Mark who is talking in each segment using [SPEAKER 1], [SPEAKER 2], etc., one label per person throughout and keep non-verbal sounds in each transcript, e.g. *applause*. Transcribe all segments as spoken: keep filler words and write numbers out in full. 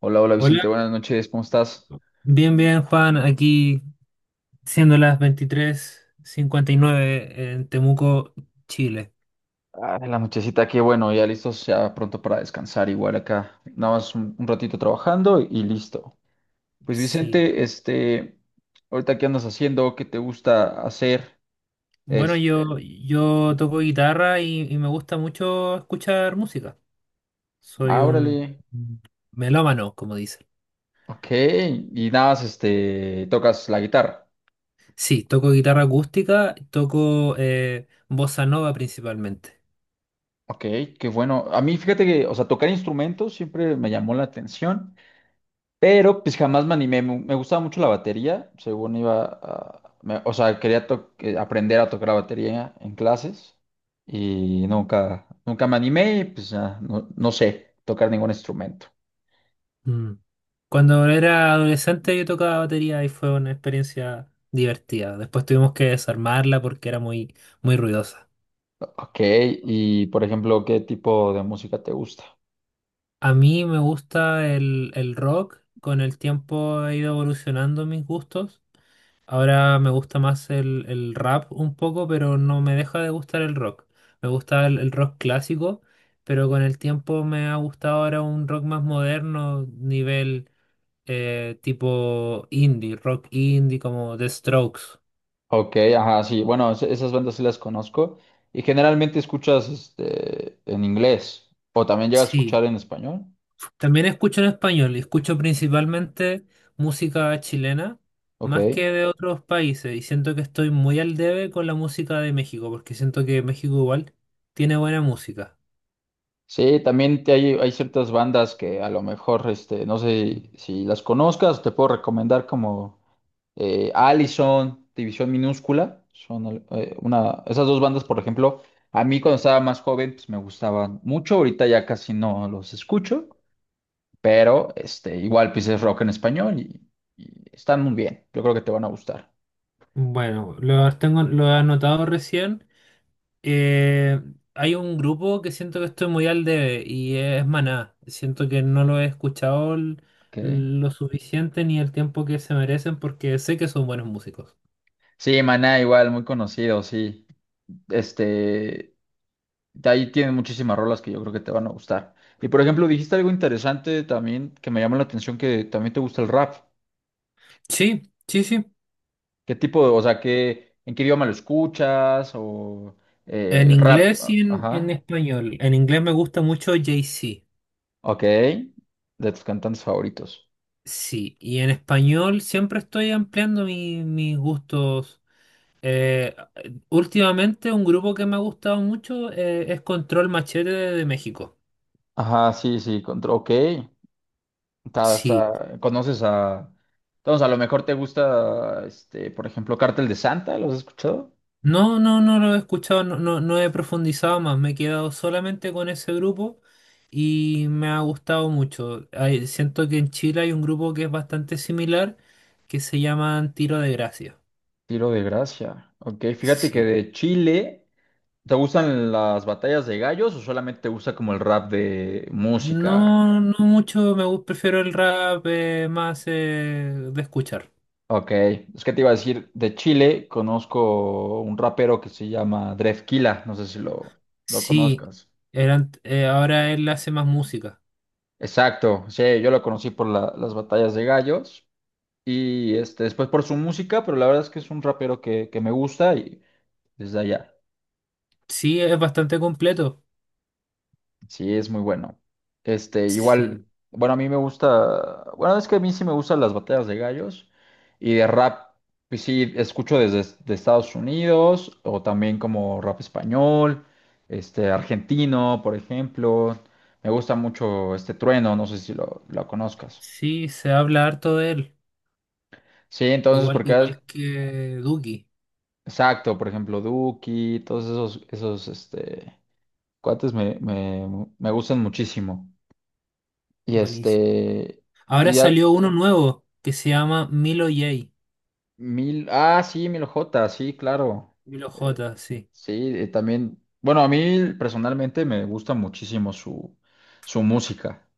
[SPEAKER 1] Hola, hola
[SPEAKER 2] Hola,
[SPEAKER 1] Vicente, buenas noches, ¿cómo estás?
[SPEAKER 2] bien, bien, Juan, aquí siendo las veintitrés cincuenta y nueve en Temuco, Chile.
[SPEAKER 1] Ah, en la nochecita aquí, bueno, ya listos, ya pronto para descansar, igual acá, nada más un, un ratito trabajando y listo. Pues
[SPEAKER 2] Sí.
[SPEAKER 1] Vicente, este, ahorita qué andas haciendo, qué te gusta hacer,
[SPEAKER 2] Bueno, yo,
[SPEAKER 1] este,
[SPEAKER 2] yo toco guitarra y, y me gusta mucho escuchar música. Soy
[SPEAKER 1] ah,
[SPEAKER 2] un
[SPEAKER 1] órale,
[SPEAKER 2] melómano, como dicen.
[SPEAKER 1] ok, y nada más, este, tocas la guitarra,
[SPEAKER 2] Sí, toco guitarra acústica, toco eh, bossa nova principalmente.
[SPEAKER 1] ok, qué bueno. A mí, fíjate que, o sea, tocar instrumentos siempre me llamó la atención. Pero pues jamás me animé. Me, me gustaba mucho la batería. Según iba a... me- O sea, quería to- eh, aprender a tocar la batería en clases. Y nunca, nunca me animé y pues ya, no, no sé tocar ningún instrumento.
[SPEAKER 2] Mm. Cuando era adolescente yo tocaba batería y fue una experiencia divertida. Después tuvimos que desarmarla porque era muy, muy ruidosa.
[SPEAKER 1] Ok, y por ejemplo, ¿qué tipo de música te gusta?
[SPEAKER 2] A mí me gusta el, el rock, con el tiempo he ido evolucionando mis gustos. Ahora me gusta más el, el rap un poco, pero no me deja de gustar el rock. Me gusta el, el rock clásico, pero con el tiempo me ha gustado ahora un rock más moderno, nivel eh, tipo indie, rock indie como The Strokes.
[SPEAKER 1] Ok, ajá, sí. Bueno, es- esas bandas sí las conozco. Y generalmente escuchas este, en inglés. O también llegas a
[SPEAKER 2] Sí,
[SPEAKER 1] escuchar en español.
[SPEAKER 2] también escucho en español y escucho principalmente música chilena,
[SPEAKER 1] Ok.
[SPEAKER 2] más que de otros países, y siento que estoy muy al debe con la música de México, porque siento que México igual tiene buena música.
[SPEAKER 1] Sí, también te- hay, hay ciertas bandas que a lo mejor, este, no sé si las conozcas, te puedo recomendar como eh, Allison, División Minúscula, son al- eh, una, esas dos bandas, por ejemplo, a mí cuando estaba más joven, pues me gustaban mucho, ahorita ya casi no los escucho, pero este, igual pues es rock en español y, y están muy bien, yo creo que te van a gustar.
[SPEAKER 2] Bueno, lo tengo, lo he anotado recién. Eh, Hay un grupo que siento que estoy muy al debe y es Maná. Siento que no lo he escuchado l-
[SPEAKER 1] Ok.
[SPEAKER 2] lo suficiente ni el tiempo que se merecen porque sé que son buenos músicos.
[SPEAKER 1] Sí, Maná igual, muy conocido, sí. Este, de ahí tienen muchísimas rolas que yo creo que te van a gustar. Y por ejemplo, dijiste algo interesante también que me llama la atención, que también te gusta el rap.
[SPEAKER 2] Sí, sí, sí.
[SPEAKER 1] ¿Qué tipo de, o sea, qué, en qué idioma lo escuchas? O
[SPEAKER 2] En
[SPEAKER 1] eh, rap,
[SPEAKER 2] inglés y en, en
[SPEAKER 1] ajá,
[SPEAKER 2] español. En inglés me gusta mucho Jay-Z.
[SPEAKER 1] ok, de tus cantantes favoritos.
[SPEAKER 2] Sí, y en español siempre estoy ampliando mi- mis gustos. Eh, Últimamente un grupo que me ha gustado mucho eh, es Control Machete de, de México.
[SPEAKER 1] Ajá, sí, sí, contra, ok. Está,
[SPEAKER 2] Sí.
[SPEAKER 1] está- conoces a, entonces a lo mejor te gusta, este, por ejemplo, Cártel de Santa, ¿los has escuchado?
[SPEAKER 2] No, no, no lo he escuchado, no, no, no he profundizado más. Me he quedado solamente con ese grupo y me ha gustado mucho. Hay- siento que en Chile hay un grupo que es bastante similar que se llaman Tiro de Gracia.
[SPEAKER 1] Tiro de Gracia, ok, fíjate que
[SPEAKER 2] Sí.
[SPEAKER 1] de Chile. ¿Te gustan las batallas de gallos o solamente te gusta como el rap de música?
[SPEAKER 2] No, no mucho, me gusta, prefiero el rap eh, más eh, de escuchar.
[SPEAKER 1] Ok, es que te iba a decir, de Chile conozco un rapero que se llama Drefkila, no sé si lo, lo
[SPEAKER 2] Sí,
[SPEAKER 1] conozcas.
[SPEAKER 2] eran eh, ahora él hace más música.
[SPEAKER 1] Exacto, sí, yo lo conocí por la- las batallas de gallos y este, después por su música, pero la verdad es que es un rapero que, que me gusta y desde allá.
[SPEAKER 2] Sí, es bastante completo.
[SPEAKER 1] Sí, es muy bueno. Este, igual,
[SPEAKER 2] Sí,
[SPEAKER 1] bueno, a mí me gusta, bueno, es que a mí sí me gustan las batallas de gallos y de rap, pues sí, escucho desde de Estados Unidos o también como rap español, este, argentino, por ejemplo. Me gusta mucho este Trueno, no sé si lo, lo conozcas.
[SPEAKER 2] sí, se habla harto de él.
[SPEAKER 1] Sí, entonces,
[SPEAKER 2] Igual,
[SPEAKER 1] porque, es-
[SPEAKER 2] igual que Duki.
[SPEAKER 1] exacto, por ejemplo, Duki, todos esos, esos, este, cuates me, me, me gustan muchísimo. Y
[SPEAKER 2] Buenísimo.
[SPEAKER 1] este... Y
[SPEAKER 2] Ahora
[SPEAKER 1] ya,
[SPEAKER 2] salió uno nuevo que se llama Milo J.
[SPEAKER 1] Mil, ah, sí, Mil J, sí, claro.
[SPEAKER 2] Milo J, sí.
[SPEAKER 1] Sí, eh, también. Bueno, a mí personalmente me gusta muchísimo su, su música,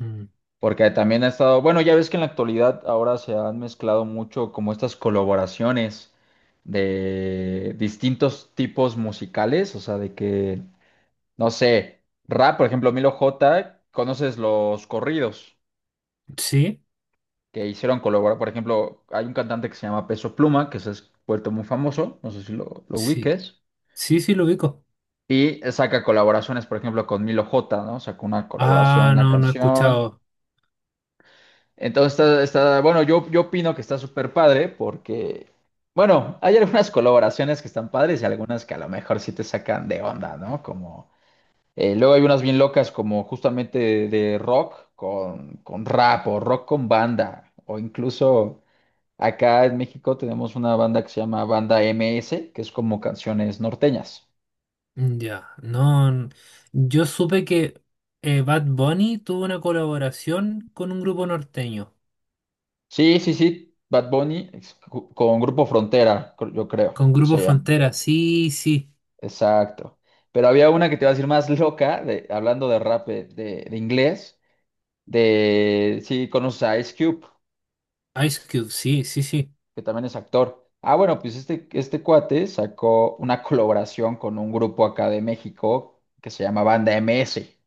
[SPEAKER 2] Mm.
[SPEAKER 1] porque también ha estado, bueno, ya ves que en la actualidad ahora se han mezclado mucho como estas colaboraciones de distintos tipos musicales, o sea, de que, no sé, rap, por ejemplo, Milo J, conoces los corridos
[SPEAKER 2] ¿Sí?
[SPEAKER 1] que hicieron colaborar, por ejemplo, hay un cantante que se llama Peso Pluma, que se ha vuelto muy famoso, no sé si lo, lo
[SPEAKER 2] Sí.
[SPEAKER 1] ubiques.
[SPEAKER 2] Sí, sí, lo ubico.
[SPEAKER 1] Y saca colaboraciones, por ejemplo, con Milo J, ¿no? Sacó una colaboración,
[SPEAKER 2] Ah,
[SPEAKER 1] una
[SPEAKER 2] no, no he
[SPEAKER 1] canción.
[SPEAKER 2] escuchado.
[SPEAKER 1] Entonces está, está- bueno, yo, yo opino que está súper padre porque, bueno, hay algunas colaboraciones que están padres y algunas que a lo mejor sí te sacan de onda, ¿no? Como, eh, luego hay unas bien locas como justamente de, de rock con, con rap o rock con banda o incluso acá en México tenemos una banda que se llama Banda M S que es como canciones norteñas.
[SPEAKER 2] Mm, ya, no. n- yo supe que eh, Bad Bunny tuvo una colaboración con un grupo norteño,
[SPEAKER 1] Sí, sí, sí, Bad Bunny ex- ju- con Grupo Frontera, cr- yo creo,
[SPEAKER 2] con Grupo
[SPEAKER 1] se llama.
[SPEAKER 2] Frontera, sí, sí.
[SPEAKER 1] Exacto. Pero había una que te iba a decir más loca, de, hablando de rap eh, de, de inglés, de sí, conoces a Ice Cube,
[SPEAKER 2] Ice Cube, sí, sí, sí.
[SPEAKER 1] que también es actor. Ah, bueno, pues este, este cuate sacó una colaboración con un grupo acá de México que se llama Banda M S.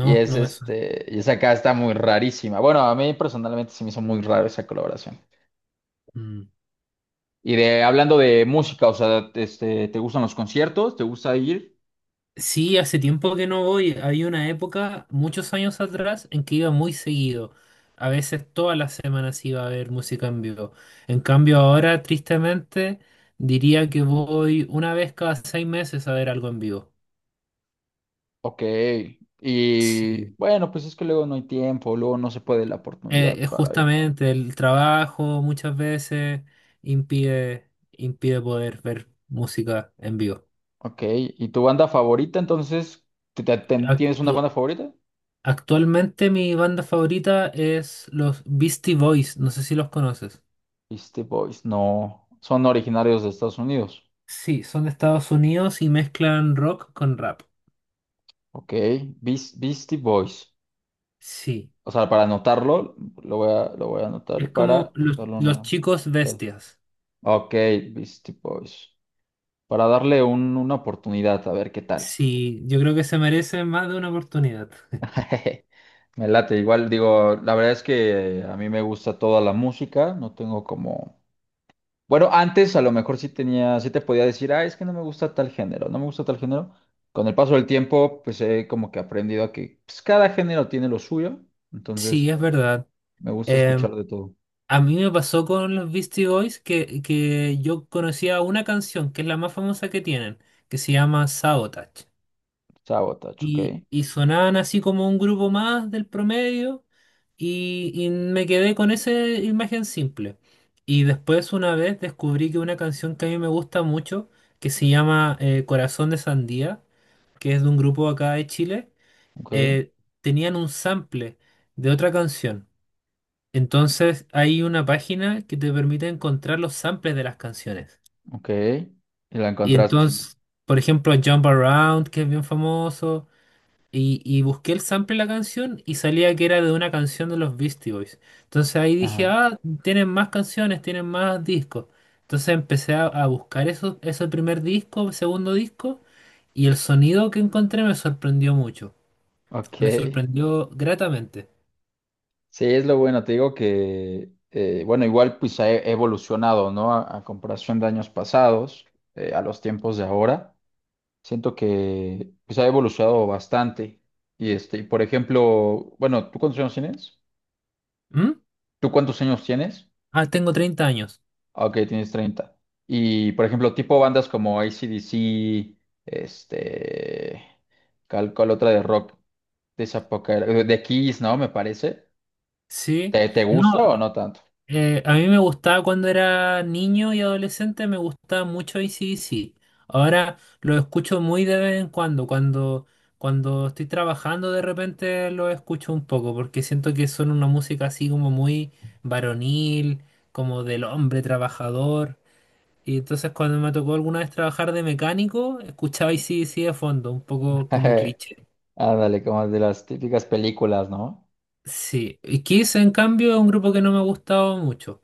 [SPEAKER 1] Y es
[SPEAKER 2] no me suena.
[SPEAKER 1] este, y esa acá está muy rarísima. Bueno, a mí personalmente se me hizo muy raro esa colaboración.
[SPEAKER 2] Mm.
[SPEAKER 1] Y de hablando de música, o sea, este, ¿te gustan los conciertos? ¿Te gusta ir?
[SPEAKER 2] Sí, hace tiempo que no voy. Había una época, muchos años atrás, en que iba muy seguido. A veces todas las semanas iba a haber música en vivo. En cambio, ahora, tristemente, diría que voy una vez cada seis meses a ver algo en vivo.
[SPEAKER 1] Ok.
[SPEAKER 2] Sí.
[SPEAKER 1] Y bueno, pues es que luego no hay tiempo, luego no se puede la
[SPEAKER 2] Eh,
[SPEAKER 1] oportunidad
[SPEAKER 2] eh,
[SPEAKER 1] para ir.
[SPEAKER 2] justamente el trabajo muchas veces impide, impide poder ver música en vivo.
[SPEAKER 1] Ok. ¿Y tu banda favorita entonces? ¿Te- te- te- ¿Tienes una banda
[SPEAKER 2] Actu-
[SPEAKER 1] favorita?
[SPEAKER 2] actualmente mi banda favorita es los Beastie Boys, no sé si los conoces.
[SPEAKER 1] Beastie Boys, no. Son originarios de Estados Unidos.
[SPEAKER 2] Sí, son de Estados Unidos y mezclan rock con rap.
[SPEAKER 1] Ok. Beas- Beastie Boys.
[SPEAKER 2] Sí,
[SPEAKER 1] O sea, para anotarlo, lo voy a, lo voy a anotar
[SPEAKER 2] es como
[SPEAKER 1] para
[SPEAKER 2] los,
[SPEAKER 1] darle
[SPEAKER 2] los
[SPEAKER 1] una.
[SPEAKER 2] chicos bestias.
[SPEAKER 1] Ok, Beastie Boys. Para darle un- una oportunidad, a ver qué tal.
[SPEAKER 2] Sí, yo creo que se merecen más de una oportunidad.
[SPEAKER 1] *laughs* Me late, igual digo, la verdad es que a mí me gusta toda la música, no tengo como... Bueno, antes a lo mejor sí tenía, sí te podía decir, ah, es que no me gusta tal género, no me gusta tal género. Con el paso del tiempo, pues he como que aprendido a que pues, cada género tiene lo suyo,
[SPEAKER 2] Sí,
[SPEAKER 1] entonces
[SPEAKER 2] es verdad.
[SPEAKER 1] me gusta
[SPEAKER 2] Em,
[SPEAKER 1] escuchar de todo.
[SPEAKER 2] A mí me pasó con los Beastie Boys que, que yo conocía una canción, que es la más famosa que tienen, que se llama Sabotage.
[SPEAKER 1] Sabotage, ok,
[SPEAKER 2] Y, y sonaban así como un grupo más del promedio y, y me quedé con esa imagen simple. Y después una vez descubrí que una canción que a mí me gusta mucho, que se llama eh, Corazón de Sandía, que es de un grupo acá de Chile,
[SPEAKER 1] ok,
[SPEAKER 2] eh, tenían un sample de otra canción. Entonces hay una página que te permite encontrar los samples de las canciones.
[SPEAKER 1] ok, y la
[SPEAKER 2] Y
[SPEAKER 1] encontraste.
[SPEAKER 2] entonces, por ejemplo, Jump Around, que es bien famoso, y, y busqué el sample de la canción y salía que era de una canción de los Beastie Boys. Entonces ahí dije,
[SPEAKER 1] Ajá,
[SPEAKER 2] ah, tienen más canciones, tienen más discos. Entonces empecé a, a buscar eso, ese primer disco, segundo disco, y el sonido que encontré me sorprendió mucho. Me
[SPEAKER 1] ok.
[SPEAKER 2] sorprendió gratamente.
[SPEAKER 1] Sí, es lo bueno, te digo que, eh, bueno, igual pues ha e- evolucionado, ¿no? A, a comparación de años pasados, eh, a los tiempos de ahora, siento que pues ha evolucionado bastante. Y este, y por ejemplo, bueno, ¿tú cuántos años tienes?
[SPEAKER 2] ¿Mm?
[SPEAKER 1] ¿Tú cuántos años tienes?
[SPEAKER 2] Ah, tengo treinta años.
[SPEAKER 1] Ah, ok, tienes treinta. Y por ejemplo, tipo bandas como A C/D C, este, cal, cual otra de rock de esa época, era. De Kiss, ¿no? Me parece.
[SPEAKER 2] Sí.
[SPEAKER 1] ¿Te, te
[SPEAKER 2] No.
[SPEAKER 1] gusta o no tanto?
[SPEAKER 2] Eh, a mí me gustaba cuando era niño y adolescente, me gustaba mucho A C/D C. Ahora lo escucho muy de vez en cuando, cuando, cuando estoy trabajando de repente lo escucho un poco, porque siento que son una música así como muy varonil, como del hombre trabajador. Y entonces cuando me tocó alguna vez trabajar de mecánico, escuchaba A C/D C de fondo, un poco como
[SPEAKER 1] *laughs*
[SPEAKER 2] cliché.
[SPEAKER 1] Ándale, como de las típicas películas, ¿no?
[SPEAKER 2] Sí, y Kiss en cambio es un grupo que no me ha gustado mucho.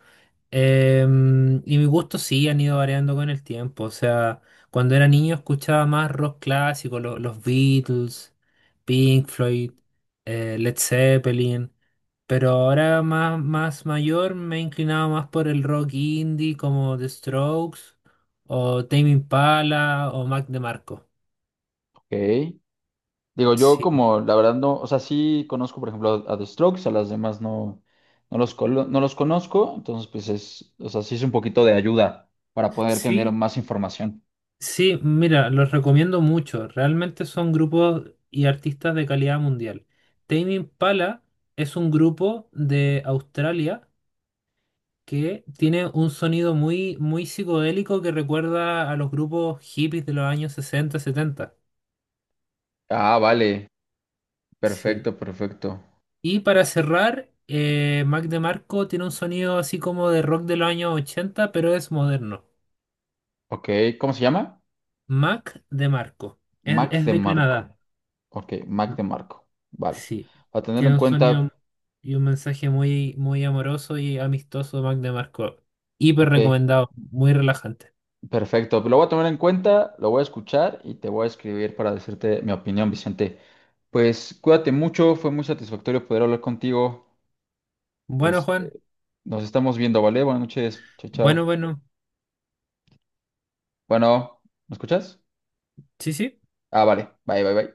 [SPEAKER 2] Em, y mis gustos sí han ido variando con el tiempo. O sea, cuando era niño escuchaba más rock clásico, lo- los Beatles, Pink Floyd, eh, Led Zeppelin. Pero ahora más, más mayor me he inclinado más por el rock indie como The Strokes o Tame Impala o Mac DeMarco.
[SPEAKER 1] Ok. Digo, yo
[SPEAKER 2] Sí,
[SPEAKER 1] como, la verdad no, o sea, sí conozco, por ejemplo, a, a The Strokes, a las demás no, no los, colo- no los conozco, entonces pues es, o sea, sí es un poquito de ayuda para poder tener
[SPEAKER 2] sí,
[SPEAKER 1] más información.
[SPEAKER 2] sí, mira, los recomiendo mucho. Realmente son grupos y artistas de calidad mundial. Tame Impala es un grupo de Australia que tiene un sonido muy, muy psicodélico que recuerda a los grupos hippies de los años sesenta, setenta.
[SPEAKER 1] Ah, vale,
[SPEAKER 2] Sí.
[SPEAKER 1] perfecto, perfecto.
[SPEAKER 2] Y para cerrar, eh, Mac DeMarco tiene un sonido así como de rock de los años ochenta, pero es moderno.
[SPEAKER 1] Ok, ¿cómo se llama?
[SPEAKER 2] Mac DeMarco. Es,
[SPEAKER 1] Mac
[SPEAKER 2] es
[SPEAKER 1] de
[SPEAKER 2] de
[SPEAKER 1] Marco.
[SPEAKER 2] Canadá.
[SPEAKER 1] Ok, Mac de Marco. Vale.
[SPEAKER 2] Sí,
[SPEAKER 1] Para tenerlo en
[SPEAKER 2] tiene un sonido
[SPEAKER 1] cuenta,
[SPEAKER 2] y un mensaje muy, muy amoroso y amistoso, Mac DeMarco. Hiper
[SPEAKER 1] ok.
[SPEAKER 2] recomendado, muy relajante.
[SPEAKER 1] Perfecto, lo voy a tomar en cuenta, lo voy a escuchar y te voy a escribir para decirte mi opinión, Vicente. Pues cuídate mucho, fue muy satisfactorio poder hablar contigo.
[SPEAKER 2] Bueno,
[SPEAKER 1] Este,
[SPEAKER 2] Juan,
[SPEAKER 1] nos estamos viendo, ¿vale? Buenas noches, chao,
[SPEAKER 2] bueno,
[SPEAKER 1] chao.
[SPEAKER 2] bueno,
[SPEAKER 1] Bueno, ¿me escuchas?
[SPEAKER 2] sí, sí.
[SPEAKER 1] Ah, vale, bye, bye, bye.